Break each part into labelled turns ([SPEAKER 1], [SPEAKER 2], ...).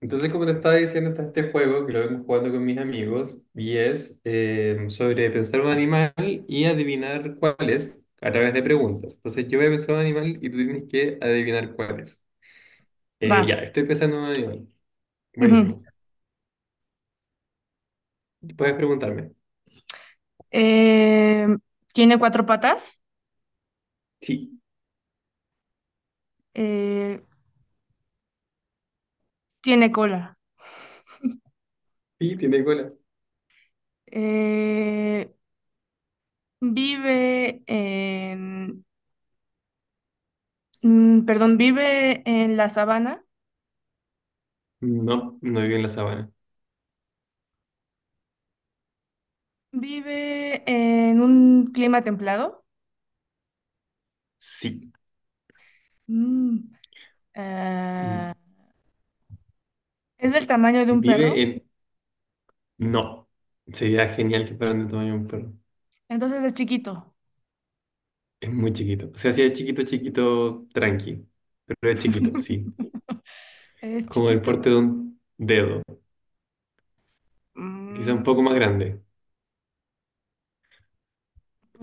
[SPEAKER 1] Entonces, como te estaba diciendo, está este juego que lo vengo jugando con mis amigos y es sobre pensar un animal y adivinar cuál es a través de preguntas. Entonces, yo voy a pensar un animal y tú tienes que adivinar cuál es. Ya,
[SPEAKER 2] Va.
[SPEAKER 1] estoy pensando en un animal.
[SPEAKER 2] Ujú.
[SPEAKER 1] Buenísimo. Puedes preguntarme.
[SPEAKER 2] Eh, Tiene cuatro patas.
[SPEAKER 1] Sí.
[SPEAKER 2] eh, Tiene cola.
[SPEAKER 1] Sí, tiene cola.
[SPEAKER 2] eh, vive en, Perdón, vive en la sabana.
[SPEAKER 1] No, no vive en la sabana.
[SPEAKER 2] Vive en un clima templado.
[SPEAKER 1] Sí.
[SPEAKER 2] Mm, ah,
[SPEAKER 1] Mm,
[SPEAKER 2] es del tamaño de un
[SPEAKER 1] Vive
[SPEAKER 2] perro,
[SPEAKER 1] en... No. Sería genial que fueran del tamaño de un perro.
[SPEAKER 2] entonces es chiquito.
[SPEAKER 1] Es muy chiquito. O sea, sí es chiquito, chiquito, tranqui. Pero es chiquito, sí.
[SPEAKER 2] Es
[SPEAKER 1] Como el
[SPEAKER 2] chiquito.
[SPEAKER 1] porte de un dedo. Quizá
[SPEAKER 2] Mm,
[SPEAKER 1] un poco más grande.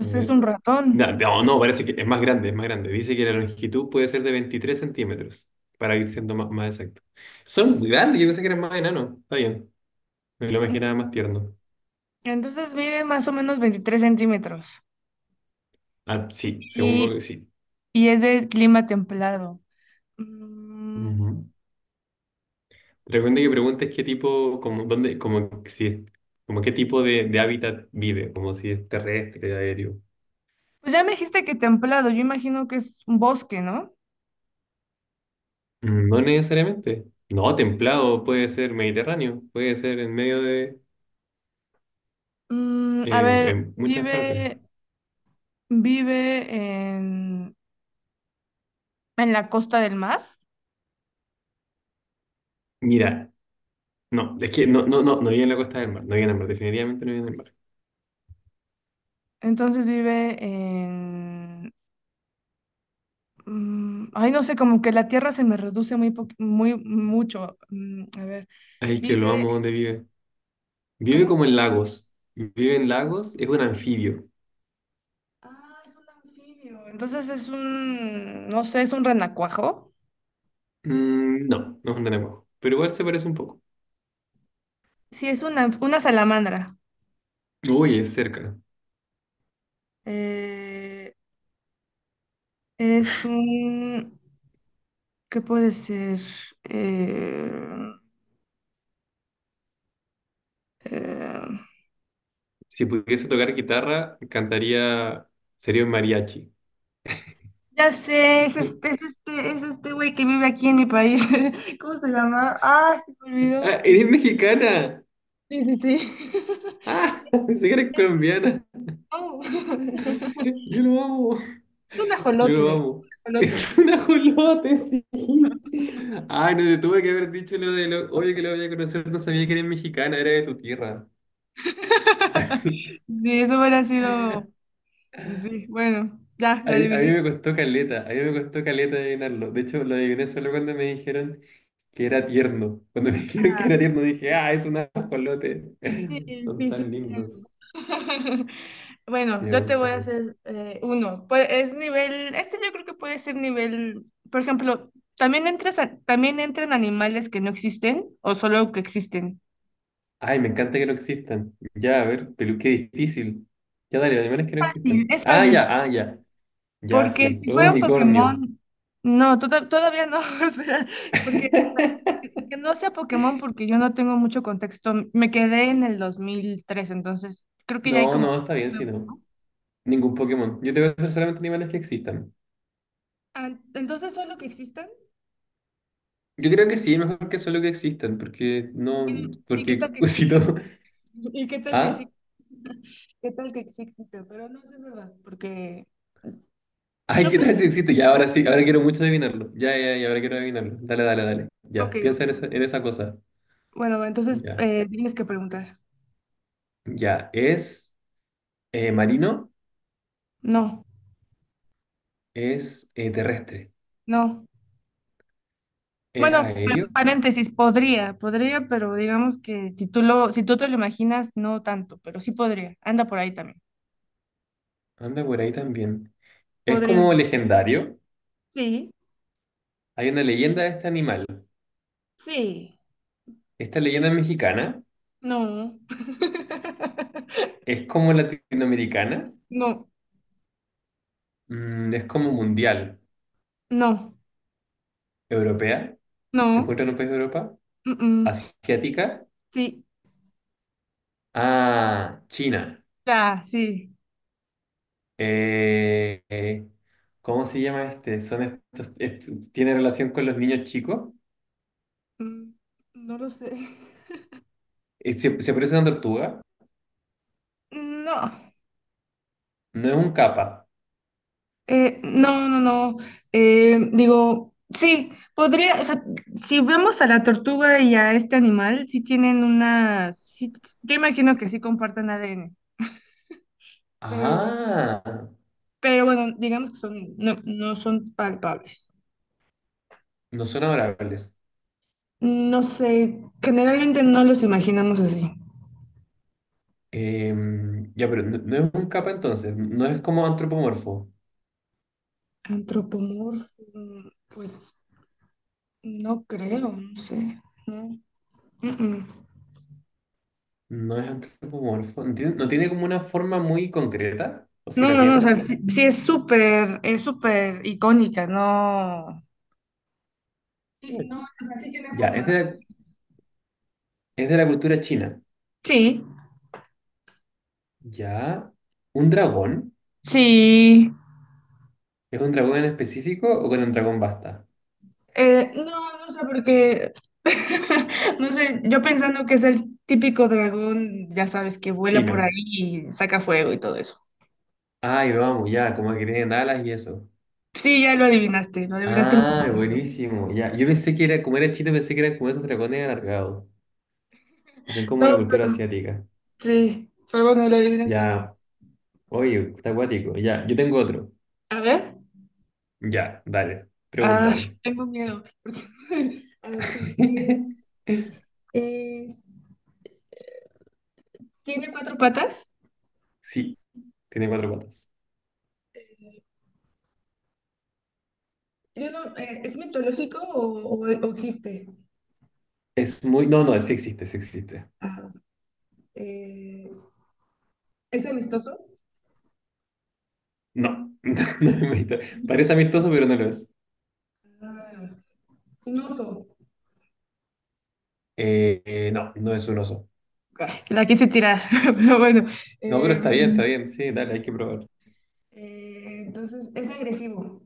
[SPEAKER 1] A
[SPEAKER 2] es
[SPEAKER 1] ver.
[SPEAKER 2] un
[SPEAKER 1] No,
[SPEAKER 2] ratón,
[SPEAKER 1] no, no, parece que es más grande, es más grande. Dice que la longitud puede ser de 23 centímetros, para ir siendo más exacto. Son muy grandes, yo pensé que eran más enanos. Está bien, me lo imaginaba más tierno.
[SPEAKER 2] entonces mide más o menos 23 centímetros.
[SPEAKER 1] Ah, sí, según Google, sí.
[SPEAKER 2] Y es de clima templado. Mm,
[SPEAKER 1] Ujú. Recuerda que preguntes qué tipo, como, dónde, como, si, como qué tipo de hábitat vive, como si es terrestre, aéreo.
[SPEAKER 2] pues ya me dijiste que templado, yo imagino que es un bosque, ¿no?
[SPEAKER 1] Mm, no necesariamente. No, templado, puede ser mediterráneo, puede ser en medio de,
[SPEAKER 2] A
[SPEAKER 1] en
[SPEAKER 2] ver,
[SPEAKER 1] muchas partes.
[SPEAKER 2] vive, vive en, en la costa del mar,
[SPEAKER 1] Mira, no, es que no, no, no, no vive en la costa del mar, no vive en el mar, definitivamente no vive en el mar.
[SPEAKER 2] entonces vive en... Ay, no sé, como que la tierra se me reduce muy, muy mucho. A ver,
[SPEAKER 1] Ay, que
[SPEAKER 2] vive...
[SPEAKER 1] lo amo, ¿dónde vive? Vive
[SPEAKER 2] ¿Cómo?
[SPEAKER 1] como en lagos. Vive en lagos, es un anfibio.
[SPEAKER 2] Ah, es un anfibio. Entonces es un, no sé, es un renacuajo.
[SPEAKER 1] Mm, no, no es un renacuajo, pero igual se parece un poco.
[SPEAKER 2] Sí, es una salamandra.
[SPEAKER 1] Uy, es cerca.
[SPEAKER 2] Eh, es un... ¿Qué puede ser? Eh, eh,
[SPEAKER 1] Si pudiese tocar guitarra, cantaría, sería un mariachi.
[SPEAKER 2] ya sé, es este, es este, es este güey que vive aquí en mi país. ¿Cómo se llama? Ah, se me olvidó.
[SPEAKER 1] Ah, eres mexicana.
[SPEAKER 2] Sí, sí, sí.
[SPEAKER 1] Ah, pensé que eres colombiana.
[SPEAKER 2] Oh.
[SPEAKER 1] Yo lo amo.
[SPEAKER 2] Es un
[SPEAKER 1] Yo lo
[SPEAKER 2] ajolotle.
[SPEAKER 1] amo.
[SPEAKER 2] Un ajolote.
[SPEAKER 1] Es un ajolote, sí. Ay, no te tuve que haber dicho lo de lo. Oye, que lo voy a conocer, no sabía que eres mexicana, era de tu tierra.
[SPEAKER 2] Sí, eso hubiera sido. Sí, bueno, ya, la
[SPEAKER 1] A mí
[SPEAKER 2] adiviné.
[SPEAKER 1] me costó caleta, a mí me costó caleta adivinarlo. De hecho, lo adiviné solo cuando me dijeron que era tierno. Cuando me dijeron que
[SPEAKER 2] Ah,
[SPEAKER 1] era tierno, dije, ah, es un ajolote.
[SPEAKER 2] sí, sí,
[SPEAKER 1] Son
[SPEAKER 2] sí. Sí.
[SPEAKER 1] tan lindos. Sí,
[SPEAKER 2] Bueno,
[SPEAKER 1] me
[SPEAKER 2] yo te
[SPEAKER 1] gusta
[SPEAKER 2] voy a
[SPEAKER 1] mucho.
[SPEAKER 2] hacer uno. Pues es nivel, este yo creo que puede ser nivel, por ejemplo, también también entran animales que no existen o solo que existen.
[SPEAKER 1] Ay, me encanta que no existan. Ya, a ver, pero qué difícil. Ya, dale, animales que no
[SPEAKER 2] Fácil,
[SPEAKER 1] existan.
[SPEAKER 2] es
[SPEAKER 1] Ah, ya,
[SPEAKER 2] fácil,
[SPEAKER 1] ah, ya. Ya,
[SPEAKER 2] porque
[SPEAKER 1] sí.
[SPEAKER 2] si
[SPEAKER 1] Un
[SPEAKER 2] fuera un
[SPEAKER 1] unicornio.
[SPEAKER 2] Pokémon, no, todavía no, espera, porque que que no sea Pokémon porque yo no tengo mucho contexto. Me quedé en el 2003, entonces creo que ya hay
[SPEAKER 1] No, no,
[SPEAKER 2] como
[SPEAKER 1] está bien si
[SPEAKER 2] nuevo,
[SPEAKER 1] no.
[SPEAKER 2] ¿no?
[SPEAKER 1] Ningún Pokémon. Yo te voy a hacer solamente animales que existan.
[SPEAKER 2] Ah, entonces, solo que exista.
[SPEAKER 1] Yo creo que sí, mejor que solo que existan, porque
[SPEAKER 2] Bueno,
[SPEAKER 1] no,
[SPEAKER 2] ¿y qué
[SPEAKER 1] porque
[SPEAKER 2] tal que
[SPEAKER 1] si no.
[SPEAKER 2] existen? ¿Y qué tal que sí?
[SPEAKER 1] ¿Ah?
[SPEAKER 2] ¿Qué tal que sí existe? Pero no, sí es verdad, porque
[SPEAKER 1] Ay,
[SPEAKER 2] yo
[SPEAKER 1] ¿qué tal
[SPEAKER 2] pensé,
[SPEAKER 1] si existe? Ya, ahora sí, ahora quiero mucho adivinarlo. Ya, ya, ya, ahora quiero adivinarlo. Dale, dale, dale.
[SPEAKER 2] ok,
[SPEAKER 1] Ya, piensa en esa cosa.
[SPEAKER 2] bueno, entonces
[SPEAKER 1] Ya.
[SPEAKER 2] tienes que preguntar.
[SPEAKER 1] Ya, es marino,
[SPEAKER 2] No,
[SPEAKER 1] es terrestre,
[SPEAKER 2] no.
[SPEAKER 1] es
[SPEAKER 2] Bueno,
[SPEAKER 1] aéreo,
[SPEAKER 2] paréntesis, podría, podría, pero digamos que si tú lo, si tú te lo imaginas, no tanto, pero sí podría. Anda por ahí también.
[SPEAKER 1] anda por ahí también. Es
[SPEAKER 2] Podría.
[SPEAKER 1] como legendario.
[SPEAKER 2] Sí,
[SPEAKER 1] Hay una leyenda de este animal.
[SPEAKER 2] sí,
[SPEAKER 1] Esta leyenda es mexicana.
[SPEAKER 2] no.
[SPEAKER 1] Es como latinoamericana,
[SPEAKER 2] No,
[SPEAKER 1] mm, es como mundial,
[SPEAKER 2] no,
[SPEAKER 1] europea, se
[SPEAKER 2] no.
[SPEAKER 1] encuentra en un país de Europa,
[SPEAKER 2] mm, mm,
[SPEAKER 1] asiática,
[SPEAKER 2] Sí,
[SPEAKER 1] ah, China.
[SPEAKER 2] ya, sí.
[SPEAKER 1] Eh, eh, ¿Cómo se llama este? Son estos, tiene relación con los niños chicos.
[SPEAKER 2] Mm, No lo sé.
[SPEAKER 1] Se, se parece a una tortuga,
[SPEAKER 2] No,
[SPEAKER 1] no es un capa.
[SPEAKER 2] no, no, no. Digo, sí, podría, o sea, si vemos a la tortuga y a este animal, sí tienen una, sí, yo imagino que sí comparten ADN, pero,
[SPEAKER 1] Ah,
[SPEAKER 2] pero bueno, digamos que son, no, no son palpables.
[SPEAKER 1] no son adorables.
[SPEAKER 2] No sé, generalmente no los imaginamos así.
[SPEAKER 1] Ya, pero no, no es un capa entonces, no es como antropomorfo.
[SPEAKER 2] Antropomorfo, pues no creo, no sé, no. Mm, mm.
[SPEAKER 1] No es antropomorfo. ¿No tiene, no tiene como una forma muy concreta? ¿O si
[SPEAKER 2] No,
[SPEAKER 1] la
[SPEAKER 2] no, no, o
[SPEAKER 1] tiene?
[SPEAKER 2] sea, sí, sí es súper icónica, no. Sí,
[SPEAKER 1] Mm.
[SPEAKER 2] no, o sea, sí tiene
[SPEAKER 1] Ya, es
[SPEAKER 2] forma.
[SPEAKER 1] es de la cultura china.
[SPEAKER 2] Sí,
[SPEAKER 1] Ya. ¿Un dragón?
[SPEAKER 2] sí.
[SPEAKER 1] ¿Es un dragón en específico o con un dragón basta?
[SPEAKER 2] No, no sé, porque, no sé, yo pensando que es el típico dragón, ya sabes, que vuela por ahí
[SPEAKER 1] Chino.
[SPEAKER 2] y saca fuego y todo eso.
[SPEAKER 1] Ay, vamos, ya, como que tienen alas y eso.
[SPEAKER 2] Sí, ya lo adivinaste muy
[SPEAKER 1] Ah,
[SPEAKER 2] bien.
[SPEAKER 1] buenísimo, ya. Yo pensé que era, como era chino, pensé que eran como esos dragones alargados, que son como
[SPEAKER 2] No,
[SPEAKER 1] de la cultura
[SPEAKER 2] pero,
[SPEAKER 1] asiática.
[SPEAKER 2] sí, pero bueno, lo adivinaste bien.
[SPEAKER 1] Ya, oye, está acuático. Ya, yo tengo otro.
[SPEAKER 2] A ver,
[SPEAKER 1] Ya, dale,
[SPEAKER 2] ah,
[SPEAKER 1] pregúntame.
[SPEAKER 2] tengo miedo. A ver, si es- es- ¿tiene cuatro patas?
[SPEAKER 1] Sí, tiene cuatro patas.
[SPEAKER 2] Yo no, ¿es mitológico o, o existe?
[SPEAKER 1] Es muy. No, no, sí existe, sí existe.
[SPEAKER 2] Ah, eh, ¿Es amistoso?
[SPEAKER 1] No, no es mito. Parece amistoso, pero no lo es.
[SPEAKER 2] Ah, un oso.
[SPEAKER 1] No, no es un oso.
[SPEAKER 2] Ah, la quise tirar, pero bueno.
[SPEAKER 1] No, pero
[SPEAKER 2] Eh,
[SPEAKER 1] está bien, está bien. Sí, dale, hay que probar.
[SPEAKER 2] entonces, ¿es agresivo?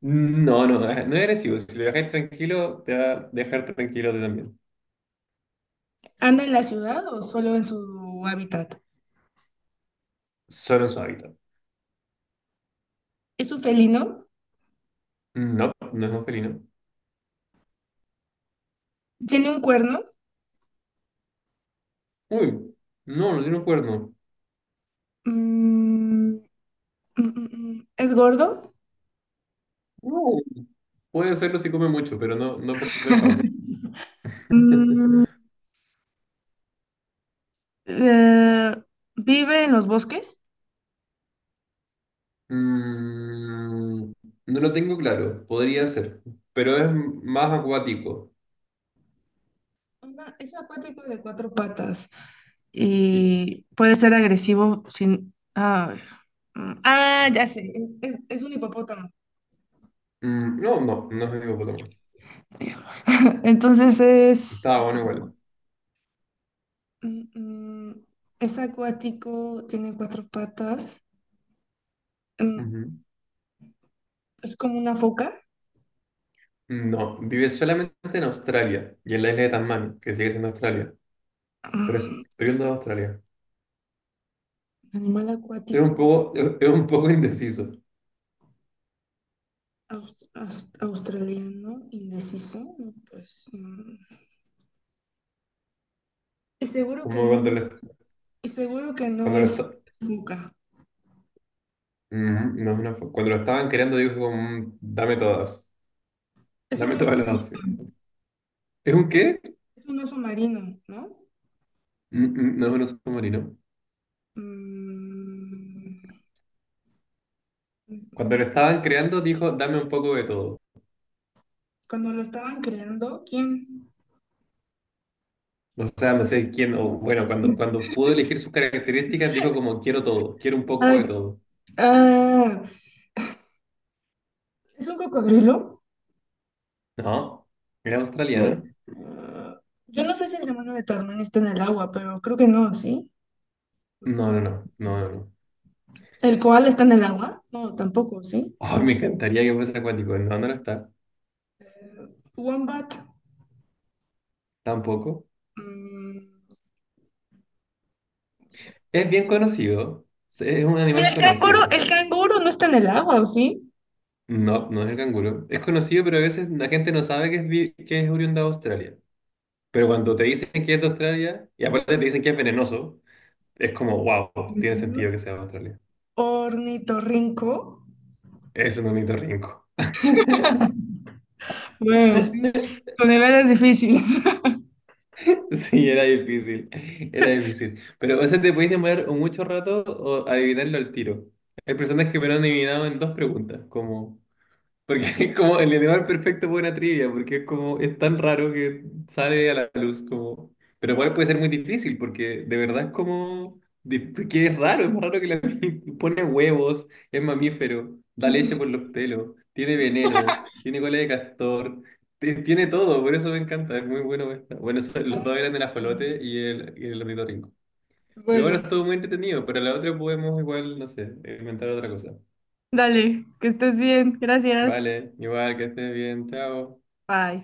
[SPEAKER 1] No, no, no es agresivo. Si lo dejáis tranquilo, te va a dejar tranquilo a ti también.
[SPEAKER 2] ¿Anda en la ciudad o solo en su hábitat?
[SPEAKER 1] Solo en su hábitat.
[SPEAKER 2] ¿Es un felino?
[SPEAKER 1] No, no es un felino.
[SPEAKER 2] ¿Tiene un cuerno?
[SPEAKER 1] Uy, no, no tiene un cuerno.
[SPEAKER 2] Mm, mm, ¿Es gordo?
[SPEAKER 1] No. Puede serlo si come mucho, pero no, no por default.
[SPEAKER 2] Mm, eh, ¿Vive en los bosques?
[SPEAKER 1] Mm, no lo tengo claro, podría ser, pero es más acuático.
[SPEAKER 2] Es acuático de cuatro patas.
[SPEAKER 1] Sí.
[SPEAKER 2] Y puede ser agresivo sin... A ver. Ya sé, es un hipopótamo.
[SPEAKER 1] Mm, no, no, no es hipopótamo.
[SPEAKER 2] Entonces es...
[SPEAKER 1] Estaba bueno igual.
[SPEAKER 2] mm, mm, es acuático, tiene cuatro patas, mm,
[SPEAKER 1] Ujú.
[SPEAKER 2] es como una foca.
[SPEAKER 1] No, vive solamente en Australia y en la isla de Tasmania, que sigue siendo Australia, pero es
[SPEAKER 2] Mm,
[SPEAKER 1] oriundo de Australia.
[SPEAKER 2] Animal acuático
[SPEAKER 1] Es un poco indeciso,
[SPEAKER 2] australiano, indeciso, no, pues... Y seguro que
[SPEAKER 1] como
[SPEAKER 2] no es, y seguro que no
[SPEAKER 1] cuando lo
[SPEAKER 2] es foca.
[SPEAKER 1] Mm, no, es una cuando lo estaban creando dijo como, mm, dame
[SPEAKER 2] Es un
[SPEAKER 1] dame
[SPEAKER 2] oso,
[SPEAKER 1] todas las opciones. ¿Es un qué?
[SPEAKER 2] es un oso marino, ¿no?
[SPEAKER 1] Mm, no es un submarino.
[SPEAKER 2] Mm,
[SPEAKER 1] Cuando lo estaban creando, dijo, dame un poco de todo.
[SPEAKER 2] Cuando lo estaban creando, ¿quién?
[SPEAKER 1] O sea, no sé quién, o bueno, cuando pudo elegir sus características, dijo como, quiero todo, quiero un poco
[SPEAKER 2] Ay,
[SPEAKER 1] de todo.
[SPEAKER 2] ah, ¿Es un cocodrilo?
[SPEAKER 1] ¿No? ¿Era australiano?
[SPEAKER 2] Ah, yo no sé si el demonio de Tasmania está en el agua, pero creo que no, ¿sí?
[SPEAKER 1] No, no, no, no, no, no.
[SPEAKER 2] ¿El koala está en el agua? No, tampoco, ¿sí?
[SPEAKER 1] Ay, me encantaría que fuese acuático. No, no lo está.
[SPEAKER 2] Wombat.
[SPEAKER 1] Tampoco.
[SPEAKER 2] mm,
[SPEAKER 1] Es bien conocido. Es un
[SPEAKER 2] pero
[SPEAKER 1] animal conocido.
[SPEAKER 2] el canguro no está en el agua, ¿o sí?
[SPEAKER 1] No, no es el canguro. Es conocido, pero a veces la gente no sabe que es, que es oriundo de Australia. Pero cuando te dicen que es de Australia, y aparte te dicen que es venenoso, es como, wow, tiene sentido que
[SPEAKER 2] mm,
[SPEAKER 1] sea de Australia.
[SPEAKER 2] Ornitorrinco.
[SPEAKER 1] Es un ornitorrinco.
[SPEAKER 2] Bueno, sí, tu nivel es difícil.
[SPEAKER 1] Sí, era difícil, era difícil. Pero, o sea, te podéis demorar o mucho rato o adivinarlo al tiro. Hay personas que me lo han adivinado en 2 preguntas, como, porque es como el animal perfecto para una trivia, porque es como, es tan raro que sale a la luz como... Pero igual puede ser muy difícil, porque de verdad es como... Que es raro, es más raro que la... Pone huevos, es mamífero, da leche por los pelos, tiene veneno, tiene cola de castor, tiene todo, por eso me encanta, es muy bueno esta. Bueno, los dos eran el ajolote y el ornitorrinco. Pero bueno,
[SPEAKER 2] Bueno,
[SPEAKER 1] estuvo muy entretenido, pero la otra podemos igual, no sé, inventar otra cosa.
[SPEAKER 2] dale, que estés bien. Gracias.
[SPEAKER 1] Vale, igual que estés bien, chao.
[SPEAKER 2] Bye.